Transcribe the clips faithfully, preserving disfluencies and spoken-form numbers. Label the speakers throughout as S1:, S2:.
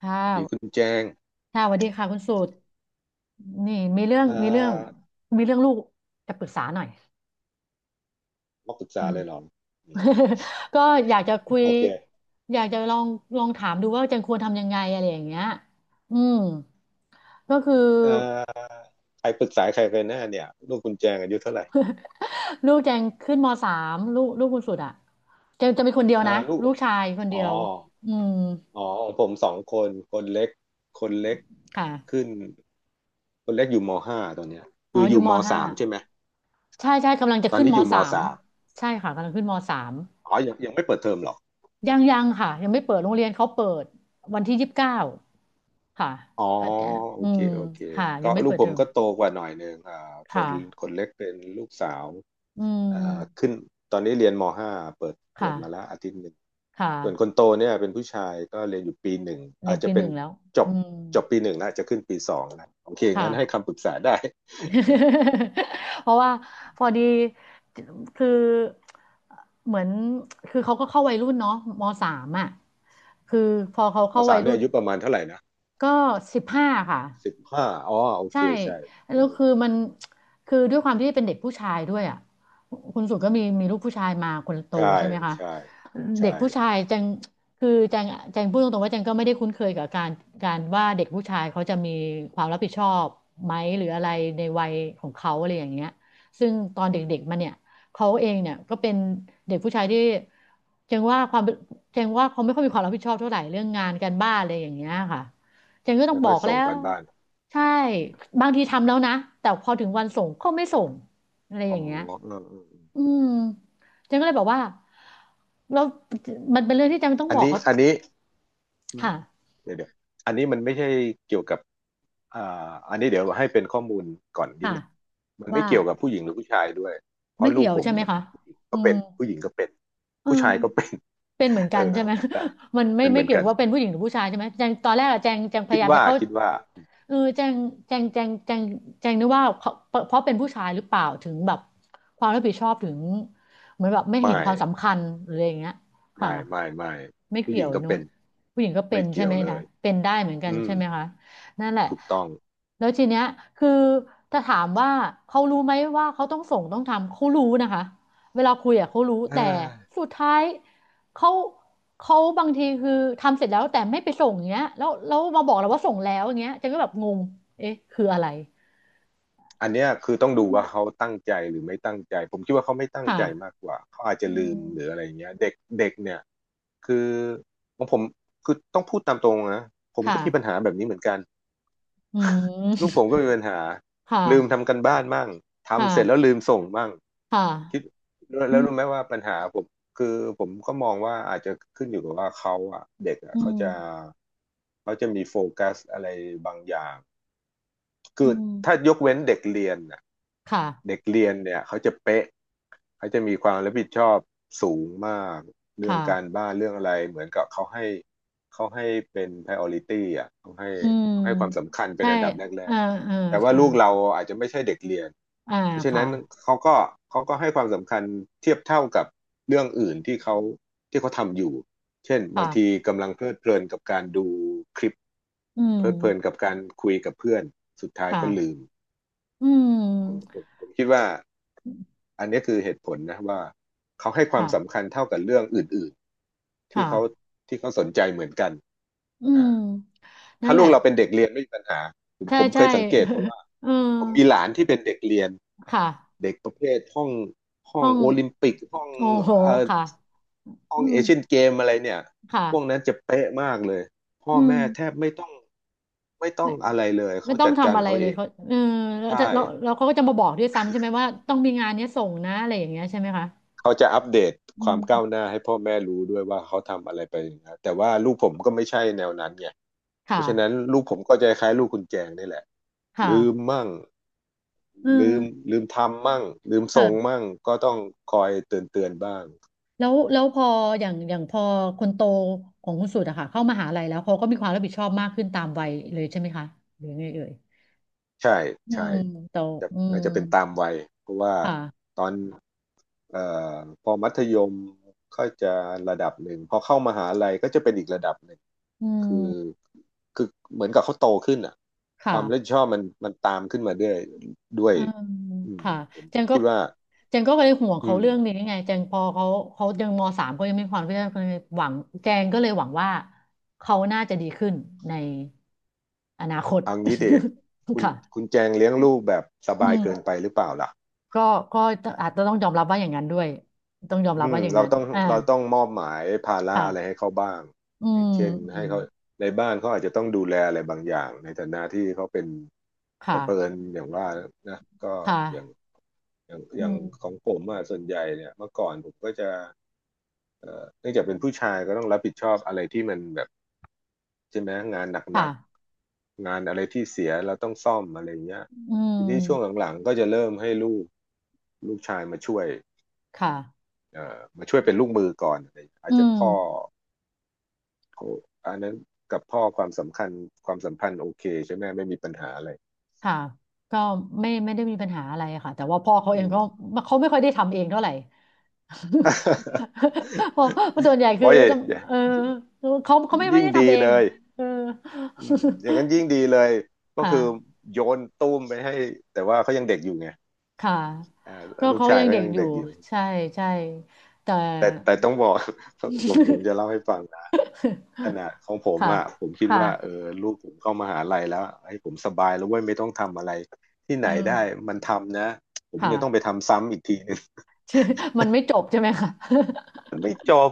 S1: ค่
S2: ดีคุณ
S1: ะ
S2: แจง
S1: ค่ะสวัสดีค่ะคุณสูตรนี่มีเรื่อง
S2: เอ่
S1: มีเรื่อง
S2: อ
S1: มีเรื่องลูกจะปรึกษาหน่อย
S2: มาปรึก
S1: อื
S2: ษา
S1: ม
S2: เลยเหรออืม
S1: ก็อยากจะคุย
S2: โอเค
S1: อยากจะลองลองถามดูว่าแจงควรทำยังไงอะไรอย่างเงี้ยอืมก็คือ
S2: เอ่อใครปรึกษาใครกันแน่เนี่ยลูกคุณแจงอายุเท่าไหร่
S1: ลูกแจงขึ้นมสามลูกลูกคุณสุดอ่ะแจงจะมีคนเดียว
S2: อ่า
S1: นะ
S2: ลูก
S1: ลูกชายคน
S2: อ๋
S1: เดี
S2: อ
S1: ยวอืม
S2: อ๋อของผมสองคนคนเล็กคนเล็ก
S1: ค่ะ
S2: ขึ้นคนเล็กอยู่มห้าตอนเนี้ย
S1: อ๋
S2: คื
S1: อ
S2: ออ
S1: อยู่
S2: ยู่
S1: ม
S2: ม
S1: ห้า
S2: สามใช่ไหม
S1: ใช่ใช่กำลังจะ
S2: ตอน
S1: ขึ้น
S2: นี้
S1: ม
S2: อยู่ม
S1: สาม
S2: สาม
S1: ใช่ค่ะกำลังขึ้นมสาม
S2: อ๋อยังยังไม่เปิดเทอมหรอก
S1: ยังยังค่ะยังไม่เปิดโรงเรียนเขาเปิดวันที่ยี่สิบเก้าค่ะ
S2: อ๋อ
S1: ก็จะ
S2: โอ
S1: อื
S2: เค
S1: ม
S2: โอเค
S1: ค่ะยั
S2: ก็
S1: งไม่
S2: ลู
S1: เปิ
S2: ก
S1: ด
S2: ผ
S1: เทอ
S2: ม
S1: ม
S2: ก็โตกว่าหน่อยหนึ่งอ่าค
S1: ค
S2: นค
S1: ่ะ
S2: นเล็กเป็นลูกสาว
S1: อื
S2: อ่าขึ้
S1: ม
S2: นตอนนี้เรียนมห้าเปิดเปิ
S1: ค่ะ
S2: ดมาแล้วอาทิตย์หนึ่ง
S1: ค่ะ
S2: ส่วนคนโตเนี่ยเป็นผู้ชายก็เรียนอยู่ปีหนึ่ง
S1: เรี
S2: อา
S1: ย
S2: จ
S1: น
S2: จะ
S1: ปีห
S2: เป็น
S1: นึ่งแล้ว
S2: จบ
S1: อืม
S2: จบปีหนึ่งแล้วจะขึ้นปีสองนะโอเค
S1: ค่ะ
S2: งั้นให้คำปรึกษาได้
S1: เพราะว่าพอดีคือเหมือนคือเขาก็เข้าวัยรุ่นเนาะมสามอ่ะคือพอเขา
S2: เอา
S1: เข้า
S2: สา
S1: วั
S2: ม
S1: ย
S2: เนี่
S1: รุ่
S2: ย
S1: น
S2: อายุประมาณเท่าไหร่นะ
S1: ก็สิบห้าค่ะ
S2: สิบห้าอ๋อโอ
S1: ใช่
S2: เคใช่วั
S1: แล้
S2: ย
S1: ว
S2: รุ่น
S1: คือมันคือด้วยความที่เป็นเด็กผู้ชายด้วยอ่ะคุณสุดก็มี
S2: อื
S1: มีลูกผู้
S2: ม
S1: ชายมาคนโต
S2: ใช่
S1: ใช่ไหมคะ
S2: ใช่
S1: เด็
S2: ใช่
S1: กผู้ชายแจงคือแจงแจงพูดตรงๆว่าแจงก็ไม่ได้คุ้นเคยกับการการว่าเด็กผู้ชายเขาจะมีความรับผิดชอบไหมหรืออะไรในวัยของเขาอะไรอย่างเงี้ยซึ่งตอน
S2: อื
S1: เด็กๆ
S2: ม
S1: มาเนี่ยเขาเองเนี่ยก็เป็นเด็กผู้ชายที่แจงว่าความแจงว่าเขาไม่ค่อยมีความรับผิดชอบเท่าไหร่เรื่องงานการบ้านอะไรอย่างเงี้ยค่ะ อย่างนี้ก็ต้อ
S2: แล้
S1: ง
S2: ว
S1: บ
S2: ก็
S1: อกแล้
S2: ส่ง
S1: ว
S2: กันบ้าน
S1: ใช่บางทีทำแล้วนะแต่พอถึงวันส่งก็ไม่ส่งอะไรอ
S2: อ๋อ
S1: ย่างเงี้ย
S2: อืมอืมอืม
S1: อืมเจันก็เลยบอกว่าเรามันเป็นเรื่องที่เจันต้อง
S2: อัน
S1: บอก
S2: นี้
S1: เขา
S2: อันนี้อืม
S1: ค่ะ
S2: เดี๋ยวเดี๋ยวอันนี้มันไม่ใช่เกี่ยวกับ อ่าอันนี้เดี๋ยวให้เป็นข้อมูลก่อนนิด
S1: ค่ะ
S2: หนึงมันไม่
S1: ว่า
S2: เกี่ยวกับผู้หญิงหรือผู้ชายด้วยเพ
S1: ไม่
S2: ราะลู
S1: เกี่
S2: ก
S1: ยว
S2: ผม
S1: ใช่ไหมคะอื
S2: ก็เป็
S1: ม
S2: นผู้หญิงก็เป็น
S1: เออ
S2: ผู้ชายก็เป็น
S1: เป็นเหมือน
S2: เอ
S1: กั
S2: อ
S1: นใช่ไหม
S2: และ
S1: มันไม่
S2: เป็นเห
S1: ไม่
S2: มือน
S1: เกี่ยว
S2: กั
S1: กั
S2: น
S1: บว่าเป็นผู้หญิงหรือผู้ชายใช่ไหมแจงตอนแรกอะแจงแจงพ
S2: คิด
S1: ยายาม
S2: ว่า
S1: จะเข้า
S2: คิดว่า
S1: เออแจงแจงแจงแจงแจงนึกว่าเขาเพราะเป็นผู้ชายหรือเปล่าถึงแบบความรับผิดชอบถึงเหมือนแบบไม่เห็
S2: ไม่
S1: นความสำคัญหรืออะไรอย่างเงี้ยค่ะ
S2: ไม่ไม่ไม่
S1: ไม่
S2: ผู้ห
S1: เกี่ย
S2: ญิ
S1: ว
S2: งก็
S1: เนุ๊
S2: เป็
S1: ก
S2: น
S1: ผู้หญิงก็เป็
S2: ไม่
S1: นใช่
S2: เกี่ยว
S1: ไหม
S2: เล
S1: นะ
S2: ย
S1: เป็นได้เหมือนกัน
S2: อืม
S1: ใช่ไหมคะนั่นแหละ
S2: ถูกต้อง
S1: แล้วทีเนี้ยคือถ้าถามว่าเขารู้ไหมว่าเขาต้องส่งต้องทำเขารู้นะคะ เวลาคุยอ่ะเขารู้
S2: อ่
S1: แต่สุ
S2: า
S1: ดท้ายเขาเขาบางทีคือทำเสร็จแล้วแต่ไม่ไปส่งอย่างเงี้ยแล้วแล้วมาบอกเราว่าส่งแล้วอย่างเงี้ยเจะก็แบบงงเอ๊ะคืออะไร
S2: อันเนี้ยคือต้อง
S1: อื
S2: ดู
S1: ม
S2: ว่าเขาตั้งใจหรือไม่ตั้งใจผมคิดว่าเขาไม่ตั้ง
S1: ค่ะ
S2: ใจมากกว่าเขาอาจ
S1: อื
S2: จะลื
S1: ม
S2: มหรืออะไรเงี้ยเด็กเด็กเนี่ยคือของผมคือต้องพูดตามตรงนะผมก็
S1: ค่ะ
S2: มีปัญหาแบบนี้เหมือนกัน
S1: อื
S2: ลูกผ
S1: ม
S2: มก็มีปัญหา
S1: ค่ะ
S2: ลืมทำกันบ้านมั่ง
S1: ค่ะ
S2: ทำเสร็จแล้วลืมส่งมั่ง
S1: ค่ะ
S2: คิดแล้ว
S1: อื
S2: แล้ว
S1: ม
S2: รู้ไหมว่าปัญหาผมคือผมก็มองว่าอาจจะขึ้นอยู่กับว่าเขาอะเด็กอะ
S1: อื
S2: เขา
S1: ม
S2: จะเขาจะมีโฟกัสอะไรบางอย่าง คือ
S1: อืม
S2: ถ้ายกเว้นเด็กเรียนน่ะเด็
S1: ค่ะ
S2: กเรียนเนี่ยเขาจะเป๊ะเขาจะมีความรับผิดชอบสูงมากเรื่องการ
S1: ค่ะ
S2: บ้านเรื่องอะไรเหมือนกับเขาให้เขาให้เป็น priority อ่ะเขาให้
S1: อืม
S2: ให้ความสำคัญเป็น
S1: ใช่
S2: อันดับแร
S1: อ่า
S2: ก
S1: เออ
S2: ๆแต่ว่า
S1: ค่ะ
S2: ลูกเราอาจจะไม่ใช่เด็กเรียน
S1: อ่า
S2: เพราะฉะ
S1: ค่ะ
S2: นั้นเขาก็เขาก็ให้ความสำคัญเทียบเท่ากับเรื่องอื่นที่เขาที่เขาทำอยู่ เช่นบาง
S1: ค่ะ
S2: ทีกำลังเพลิดเพลินกับการดูคลิป
S1: อื
S2: เพลิดเพลินกั
S1: ม
S2: บการคุยกับเพื่อนสุดท้ายก็ลื
S1: ค่ะ
S2: ม
S1: อื
S2: ผม
S1: ม
S2: ผมคิดว่าอันนี้คือเหตุผลนะว่าเขาให้ความ
S1: ค่ะ
S2: สำคัญเท่ากับเรื่องอื่นๆ
S1: ค
S2: ที่เขา
S1: ่ะ
S2: ที่เขาสนใจเหมือนกัน
S1: อืม
S2: อ่า
S1: นั่
S2: ถ้า
S1: นแห
S2: ลู
S1: ละ
S2: กเราเป็นเด็กเรียนไม่มีปัญหาผม
S1: ใช่
S2: ผมเค
S1: ใช่
S2: ยสังเกตเพราะว่า
S1: เออ
S2: ผมมีหลานที่เป็นเด็กเรียน
S1: ค่ะ
S2: เด็กประเภทห้องห้อ
S1: ห้
S2: ง
S1: อง
S2: โอลิมปิกห้อง
S1: โอ้โห
S2: เอ่อ
S1: ค่ะ
S2: ห้
S1: อื
S2: องเอ
S1: ม
S2: เชียนเกมอะไรเนี่ยพวก
S1: ค่ะ
S2: นั้นจะเป๊ะมากเลยพ่อ
S1: อื
S2: แม่แท
S1: ม
S2: บไม่ต้องไม่ต้อ
S1: ไม่
S2: งอะไรเลย
S1: ไม่
S2: เขา
S1: ต้อง
S2: จัดการ
S1: ทำอะไร
S2: เขา
S1: เล
S2: เอ
S1: ย
S2: ง
S1: เขาเออแล้ว
S2: ใช่
S1: จะแล้วแล้วเขาก็จะมาบอกด้วยซ้ำใช่ไหมว่าต้องมีงานเนี้ยส่งนะอะไรอย่างเงี้ยใช่ไหมคะ
S2: เขาจะอัปเดต
S1: อื
S2: ความก้าวห
S1: ม
S2: น้าให้พ่อแม่รู้ด้วยว่าเขาทำอะไรไปนะแต่ว่าลูกผมก็ไม่ใช่แนวนั้นไงเพ
S1: ค่ะ
S2: ราะฉะนั้นลูกผมก็จะคล้ายลูกคุณแจงนี่แหละ
S1: ค่ะ
S2: ลืมมั่ง
S1: เอ
S2: ลื
S1: อ
S2: มลืมทำมั่งลืม
S1: ค่ะ
S2: ส่งมั่งก็ต้องคอยเตือนเตือนบ้าง
S1: แล้วแล้วพออย่างอย่างพอคนโตของคุณสุดอะค่ะเข้ามหาลัยแล้วเขาก็มีความรับผิดชอบมากขึ้นตามวัยเลยใช่ไหมคะหรือไงเอ่ย
S2: ใช่
S1: อื
S2: ใช่
S1: มโต
S2: จะ
S1: อืม
S2: น่าจะเป็นตามวัยเพราะว่า
S1: ค่ะ
S2: ตอนเอ่อพอมัธยมก็จะระดับหนึ่งพอเข้ามหาลัยก็จะเป็นอีกระดับหนึ่ง
S1: อื
S2: คือ
S1: ม
S2: คือเหมือนกับเขาโตขึ้นอ่ะค
S1: ค่ะ
S2: วามรับผิดชอบมันมันตามขึ้นมาด้วยด้วย
S1: อืม
S2: อืม
S1: ค่ะ
S2: ผม
S1: เจ
S2: ผ
S1: น
S2: ม
S1: ก็
S2: คิดว่า
S1: เจนก็เลยห่วง
S2: อื
S1: เขา
S2: ม
S1: เรื่องนี้ไงเจนพอเขาเขายังมสามเขายังม่ีความเพื่อหวังเจนก็เลยหวังว่าเขาน่าจะดีขึ้นในอนาคต
S2: เอางี้ดิคุ ณ
S1: ค่ะ
S2: คุณแจงเลี้ยงลูกแบบส
S1: อื
S2: บายเกินไป
S1: ม
S2: หรือเปล่าล่ะ
S1: ก็ก็อาจจะต้องยอมรับว่าอย่างนั้นด้วยต้องยอมรั
S2: อื
S1: บว่า
S2: ม
S1: อย่าง
S2: เรา
S1: นั้น
S2: ต้อง
S1: อ่า
S2: เราต้องมอบหมายภาระ
S1: ค่ะ
S2: อะไรให้เขาบ้าง
S1: อื
S2: อย่าง
S1: ม
S2: เช่น
S1: อื
S2: ให้
S1: ม
S2: เขาในบ้านเขาอาจจะต้องดูแลอะไรบางอย่างในฐานะที่เขาเป็น
S1: ค
S2: แต่เผอิญ
S1: ่ะ
S2: อย่างว่านะก็
S1: ค่ะ
S2: อย่างอย่างอ
S1: อื
S2: ย่างขอ
S1: ม
S2: งผมอะส่วนใหญ่เนี่ยเมื่อก่อนผมก็จะเอ่อเนื่องจากเป็นผู้ชายก็ต้องรับผิดชอบอะไรที่มันแบบใช่ไหมงานห
S1: ค่ะ
S2: นักๆงานอะไรที่เสียเราต้องซ่อมอะไรเงี้ย
S1: อื
S2: ทีนี้ช่วง
S1: ม
S2: หลังๆก็จะเริ่มให้ลูกลูกชายมาช่วย
S1: ค่ะ
S2: เอ่อมาช่วยเป็นลูกมือก่อนอะไรอา
S1: อื
S2: จจะ
S1: ม
S2: พ่อเขาอันนั้นกับพ่อความสำคัญความสัมพันธ์โอเคใช่ไหมไม่มีปัญหาอะไร
S1: ค่ะก็ไม่ไม่ได้มีปัญหาอะไรค่ะแต่ว่าพ่อเขาเอ
S2: อื
S1: ง
S2: ม
S1: ก็เขาไม่ค่อยได้ทำเองเท่าไหร่ เพราะเพราะส่วนใหญ่คือ
S2: โอ้ย
S1: จะเออเขาเขาไม่ค่อย
S2: ยิ่ง
S1: ได้
S2: ดี
S1: ทำเอ
S2: เล
S1: ง
S2: ย
S1: เออ
S2: อืมอย่างนั้นยิ่ง ดีเลยก็
S1: ค่ะ
S2: คือโยนตุ้มไปให้แต่ว่าเขายังเด็กอยู่ไง
S1: ค่ะ
S2: อ่า
S1: ก็
S2: ลูก
S1: เขา
S2: ชาย
S1: ยัง
S2: เขา
S1: เด็ก
S2: ยัง
S1: อยู่
S2: เด็กอยู่
S1: ใช่ใช่แต่
S2: แต่แต่ต้องบอก ผมผมจะเล่าให้ฟังนะขนาดของผ ม
S1: ค่ะ
S2: อ่ะผมคิด
S1: ค
S2: ว่าเออ
S1: ่ะ
S2: ลูกผมเข้ามหาลัยแล้วให้ผมสบายแล้วเว้ยไม่ต้องทำอะไรที่ไห
S1: เอ
S2: นได้
S1: อ
S2: มันทำนะผม
S1: ค่ะ
S2: เนี่ยต้องไปทำซ้ำอีกทีหนึง
S1: มันไม่จบใช่ไหมคะ
S2: มันไม่จบ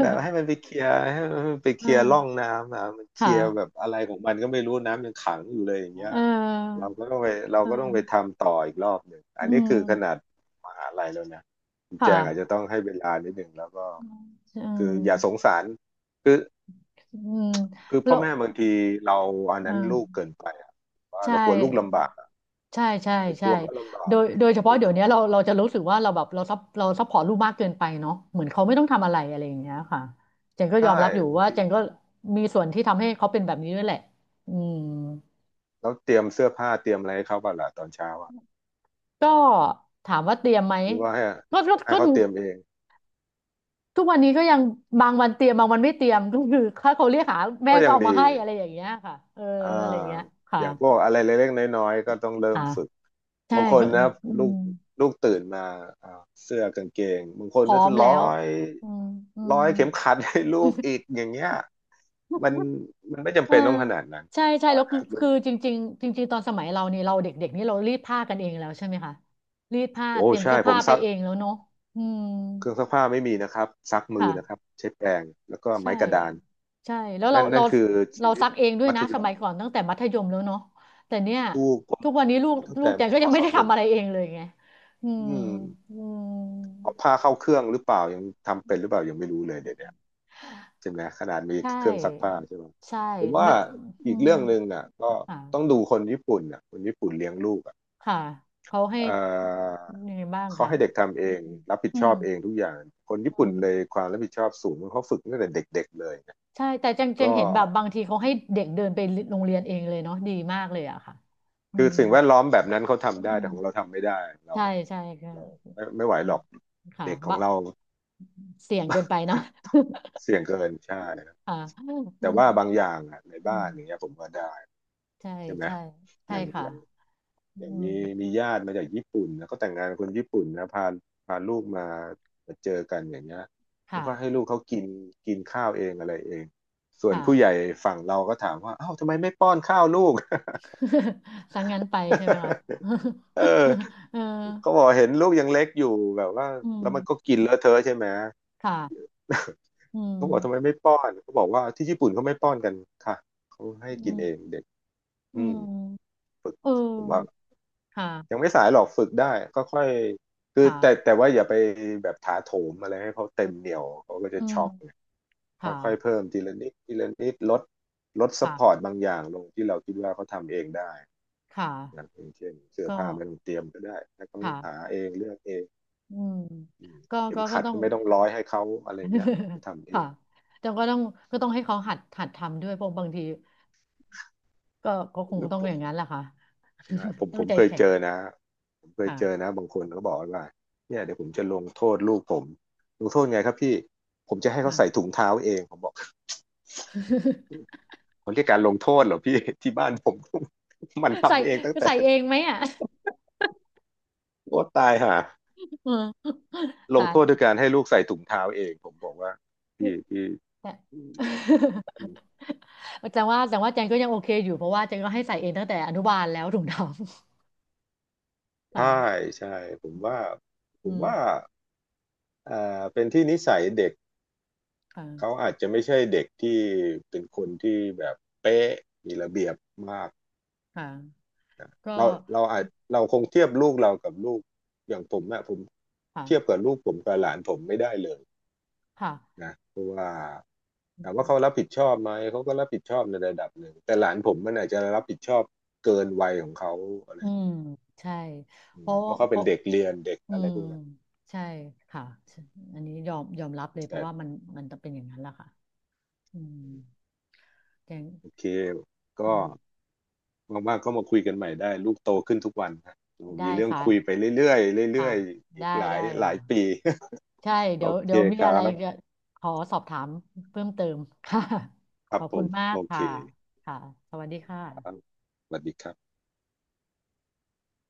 S2: แบบให้มันไปเคลียร์ให้มันไป
S1: เอ
S2: เคลียร์ร่อง
S1: อ
S2: น้ำนะมันเค
S1: ค่ะ
S2: ลียร์แบบอะไรของมันก็ไม่รู้น้ำยังขังอยู่เลยอย่างเงี้
S1: เ
S2: ยเรา
S1: ออ
S2: ก็ต้องไปเรา
S1: เ
S2: ก็ต้องไป
S1: ออ
S2: ทำต่ออีกรอบหนึ่ง
S1: อื
S2: อันนี้คือขนา
S1: ม
S2: ดมหาลัยแล้วนะคุณแจ
S1: ค่ะ
S2: งอาจจะต้องให้เวลานิดหนึ่งแล้วก็
S1: อื
S2: คืออย่าส
S1: ม
S2: งสารคือ
S1: อืม
S2: คือพ่
S1: แล้
S2: อ
S1: ว
S2: แม่บางทีเราอันนั้
S1: อ่า
S2: นลูกเกินไปอะว่า
S1: ใช่
S2: เรากลัวลูกลำบากอะ
S1: ใช่ใช่
S2: ไปก
S1: ใช่
S2: ลัวเขาลำบา
S1: โด
S2: ก
S1: ยโดยเฉพาะ
S2: ฝึก
S1: เดี๋ยว
S2: เขา
S1: นี้เราเราจะรู้สึกว่าเราแบบเราซับเราซัพพอร์ตลูกมากเกินไปเนาะเหมือนเขาไม่ต้องทำอะไรอะไรอย่างเงี้ยค่ะเจนก็ย
S2: ใช่
S1: อมรับอยู่
S2: บาง
S1: ว่า
S2: ที
S1: เจนก็มีส่วนที่ทำให้เขาเป็นแบบนี้ด้วยแหละอืม
S2: เราเตรียมเสื้อผ้าเตรียมอะไรให้เขาบ้างล่ะตอนเช้าอะ
S1: ก็ถามว่าเตรียมไหม
S2: หรือว่าให้
S1: ก็ก็
S2: ให้
S1: ก็
S2: เขาเตรียมเอง
S1: ทุกวันนี้ก็ยังบางวันเตรียมบางวันไม่เตรียมก็คือถ้าเขาเรียกหาแม่
S2: ก็
S1: ก็
S2: ยัง
S1: เอามา
S2: ดี
S1: ให้อะไรอย่างเงี้ยค่ะเออ
S2: อ่า
S1: อะไรอย่างเงี้ยค่ะ
S2: อย่างพวกอะไรเล็กๆน้อยๆก็ต้องเริ่
S1: อ่า
S2: มฝึก
S1: ใช่
S2: บางคน
S1: ก็
S2: นะ
S1: อื
S2: ลู
S1: ม
S2: กลูกตื่นมาอ่าเสื้อกางเกงบางค
S1: พ
S2: น
S1: ร้อ
S2: ก็
S1: ม
S2: จะร้
S1: แล้
S2: อ
S1: ว
S2: ย
S1: อืมอื
S2: ร้
S1: ม
S2: อยเข็มขัดให้ลูกอีก อย่างเงี้ยมันมันไม่จำ
S1: เออ
S2: เป็นต้องขนาดนั้น
S1: ใช่ใช่
S2: ว่า
S1: แล้วคื
S2: นะ
S1: อ
S2: ลู
S1: คื
S2: ก
S1: อจริงๆจริงๆ ตอนสมัยเรานี่เราเด็กๆนี่เรารีดผ้ากันเองแล้วใช่ไหมคะรีดผ้า
S2: โอ้
S1: เตรียม
S2: ใช่
S1: เสื้อ
S2: ผ
S1: ผ้า
S2: ม
S1: ไป
S2: ซัก
S1: เองแล้วเนาะอืม
S2: เครื่องซักผ้าไม่มีนะครับซักมื
S1: ค่ะ
S2: อนะครับใช้แปรงแล้วก็
S1: ใช่
S2: ไม้กระดาน
S1: ใช่แล้วเรา
S2: นั่น
S1: เรา
S2: นั่นคือชี
S1: เรา
S2: วิ
S1: ซั
S2: ต
S1: กเองด้วย
S2: มัธ
S1: นะ
S2: ย
S1: ส
S2: ม
S1: มัยก่อนตั้งแต่มัธยมแล้วเนาะแต่เนี่ย
S2: ลูกผม
S1: ทุกวันนี้ลู
S2: ผ
S1: ก
S2: มเั้า
S1: ลูก
S2: แต่
S1: แจนก็
S2: ม
S1: ยังไม่
S2: ศ
S1: ได้
S2: หนึ่ง
S1: ทำอะไรเองเลยไงอืม
S2: อืม
S1: อืม
S2: ผ้าเข้าเครื่องหรือเปล่ายังทำเป็นหรือเปล่ายังไม่รู้เลยเดี๋ยวเนี้ยใช่ไหมขนาดมี
S1: ใช
S2: เครื่องซักผ้า
S1: ่
S2: ใช่ไหม
S1: ใช่
S2: ผมว่า
S1: ไม่อื
S2: อีก
S1: ม
S2: เรื่องหนึ่งอ่ะก็
S1: ค่ะ
S2: ต้องดูคนญี่ปุ่นอ่ะคนญี่ปุ่นเลี้ยงลูกอ่ะ
S1: ค่ะเขาให้
S2: เอ่อ
S1: ยังไงบ้าง
S2: เขา
S1: คะ
S2: ให้เด็กทำเอ
S1: อื
S2: ง
S1: ม
S2: รับผิด
S1: อื
S2: ชอ
S1: ม
S2: บเองทุกอย่างคนญี่
S1: อื
S2: ปุ่น
S1: ม
S2: เลยความรับผิดชอบสูงเขาฝึกตั้งแต่เด็กๆเลยนะ
S1: ใช่แต่จังจัง
S2: ก็
S1: เห็นแบบบางทีเขาให้เด็กเดินไปโรงเรียนเองเลยเนาะดีมากเลยอะค่ะอื
S2: คือ
S1: ม
S2: สิ่งแวดล้อมแบบนั้นเขาทำได้
S1: อื
S2: แต่
S1: ม
S2: ของเราทำไม่ได้เรา
S1: ใช่ใช่ค่ะ
S2: เราไม่ไม่ไหว
S1: อื
S2: หร
S1: ม
S2: อก
S1: ค่ะ
S2: เด็กของ
S1: บะ
S2: เรา
S1: เสี่ยงเกินไปเนาะ
S2: เสี่ยงเกินใช่ ครับ
S1: ค่ะอื
S2: แต่
S1: ม
S2: ว่าบางอย่างอ่ะใน
S1: อื
S2: บ้า
S1: ม
S2: นอย่างเงี้ยผมก็ได้
S1: ใช่
S2: ใช่ไหม
S1: ใช่
S2: อ
S1: ใช่
S2: ย่าง
S1: ค่ะ
S2: อย่าง
S1: อื
S2: อย่าง
S1: ม
S2: มีมีญาติมาจากญี่ปุ่นนะก็แต่งงานกับคนญี่ปุ่นนะพาพาลูกมามาเจอกันอย่างเงี้ยเขา
S1: ค่ะ
S2: ก็ให้ลูกเขากินกินข้าวเองอะไรเองส่วน
S1: ค่ะ
S2: ผู้ใหญ่ฝั่งเราก็ถามว่าอ้าวทำไมไม่ป้อนข้าวลูก
S1: สังงั้นไปใช่ไหมคะ
S2: เออ
S1: เออ
S2: เขาบอกเห็นลูกยังเล็กอยู่แบบว่า
S1: อื
S2: แล้
S1: ม
S2: วมันก็กินเลอะเทอะใช่ไหม
S1: ค่ะ อื
S2: เขาบอก
S1: ม
S2: ทำไมไม่ป้อนเขาบอกว่าที่ญี่ปุ่นเขาไม่ป้อนกันค่ะเขาให้
S1: อื
S2: กิน
S1: ม
S2: เองเด็ก
S1: อื
S2: อืม
S1: มเอ
S2: ผมว่า
S1: อค่ะ
S2: ยังไม่สายหรอกฝึกได้ก็ค่อยคือแต่
S1: ค่ะ
S2: แต่ว่าอย่าไปแบบถาโถมอะไรให้เขาเต็มเหนี่ยวเขาก็จะ
S1: อืม
S2: ช็อกไง
S1: ค่ะ
S2: ค่อยๆเพิ่มทีละนิดทีละนิดลดลดซัพพอร์
S1: ค่ะ
S2: ตบางอย่างลงที่เราคิดว่าเขาทำเองได้
S1: ค่ะ
S2: นะอย่างเช่นเสื้อ
S1: ก็
S2: ผ้าไม่ต้องเตรียมก็ได้ให้เขาหา
S1: ค่ะ
S2: เองเลือกเอง
S1: อืม
S2: อืม
S1: ก็
S2: เข็ม
S1: ก็ก็
S2: ขัด
S1: ต้อง
S2: ก็ไม่ต้องร้อยให้เขาอะไรเงี้ยเขา ทำเอ
S1: ค่ะ
S2: ง
S1: แต่ก็ต้องก็ต้องให้เขาหัดหัดทำด้วยเพราะบางทีก็ก็คง
S2: แล้ว
S1: ต้อง
S2: ผ
S1: อ
S2: ม
S1: ย่างนั้นแหละค่ะ
S2: ใช่ผม
S1: ต้อ
S2: ผ
S1: ง
S2: ม
S1: ใจ
S2: เคย
S1: แข็
S2: เจ
S1: ง
S2: อนะผมเคยเจอ
S1: ค่ะ
S2: นะบางคนก็บอกว่าเนี่ยเดี๋ยวผมจะลงโทษลูกผมลงโทษไงครับพี่ผมจะให้เขา
S1: อ่ะ
S2: ใส่ถุงเท้าเองผมบอก เขาเรียกการลงโทษเหรอพี่ ที่บ้านผม มัน
S1: ใส่
S2: ทำเองตั้งแต่
S1: ใส่เองไหมอ่ะ
S2: โอ้ตายห่า
S1: อืม
S2: ลง
S1: ตา
S2: โท
S1: ย
S2: ษด้วยการให้ลูกใส่ถุงเท้าเองผมบอกว่า
S1: นี่
S2: พี่พี่
S1: แต่ แต่ว่าแต่ว่าแจงก็ยังโอเคอยู่เพราะว่าแจงก็ให้ใส่เองตั้งแต่อนุบาลแล้วถุงดำ ค่ะ
S2: ใช่ใช่ผมว่าผ
S1: อื
S2: ม
S1: ม
S2: ว่าอ่าเป็นที่นิสัยเด็ก
S1: ค
S2: เขา
S1: ่ะ
S2: อาจจะไม่ใช่เด็กที่เป็นคนที่แบบเป๊ะมีระเบียบมาก
S1: ค่ะก็
S2: เราเราอาจเราคงเทียบลูกเรากับลูกอย่างผมอะผมเทียบ
S1: ค่ะ
S2: กับลูกผมกับหลานผมไม่ได้เลย
S1: ค่ะ
S2: นะเพราะว่า
S1: อื
S2: ถามว่า
S1: ม
S2: เขารับผิดชอบไหมเขาก็รับผิดชอบในระดับหนึ่งแต่หลานผมมันอาจจะรับผิดชอบเกินวัยของเขาอะไร
S1: อืมใช่
S2: อื
S1: เพ
S2: ม
S1: ราะ
S2: เพราะเขา
S1: เพ
S2: เป็น
S1: ราะ
S2: เด็กเรียนเด็ก
S1: อื
S2: อะไร
S1: ม
S2: พวกนั้น
S1: ใช่ค่ะอันนี้ยอมยอมรับเลยเพ
S2: แต่
S1: ราะว่ามันมันจะเป็นอย่างนั้นแหละค่ะอืม
S2: อืม
S1: แกง
S2: โอเค
S1: อื
S2: ก็
S1: ม
S2: ว่างๆก็มาคุยกันใหม่ได้ลูกโตขึ้นทุกวันนะมี
S1: ได้
S2: เรื่อง
S1: ค่ะ
S2: คุยไปเรื่อยๆเรื่
S1: ค่ะ
S2: อยๆอี
S1: ได้
S2: กหลาย
S1: ได้
S2: หลา
S1: ค่ะ
S2: ยปี
S1: ใช่ เดี๋
S2: โอ
S1: ยว
S2: เค
S1: เดี๋ยวมี
S2: ค
S1: อะ
S2: รั
S1: ไรจะ
S2: บ
S1: ขอสอบถามเพิ่มเติมค่ะ
S2: ค
S1: ข
S2: รับ
S1: อบ
S2: ผ
S1: คุ
S2: ม
S1: ณมาก
S2: โอเค
S1: ค่ะค่ะสวัสดี
S2: ครับ
S1: ค่ะ
S2: สวัสดีครับ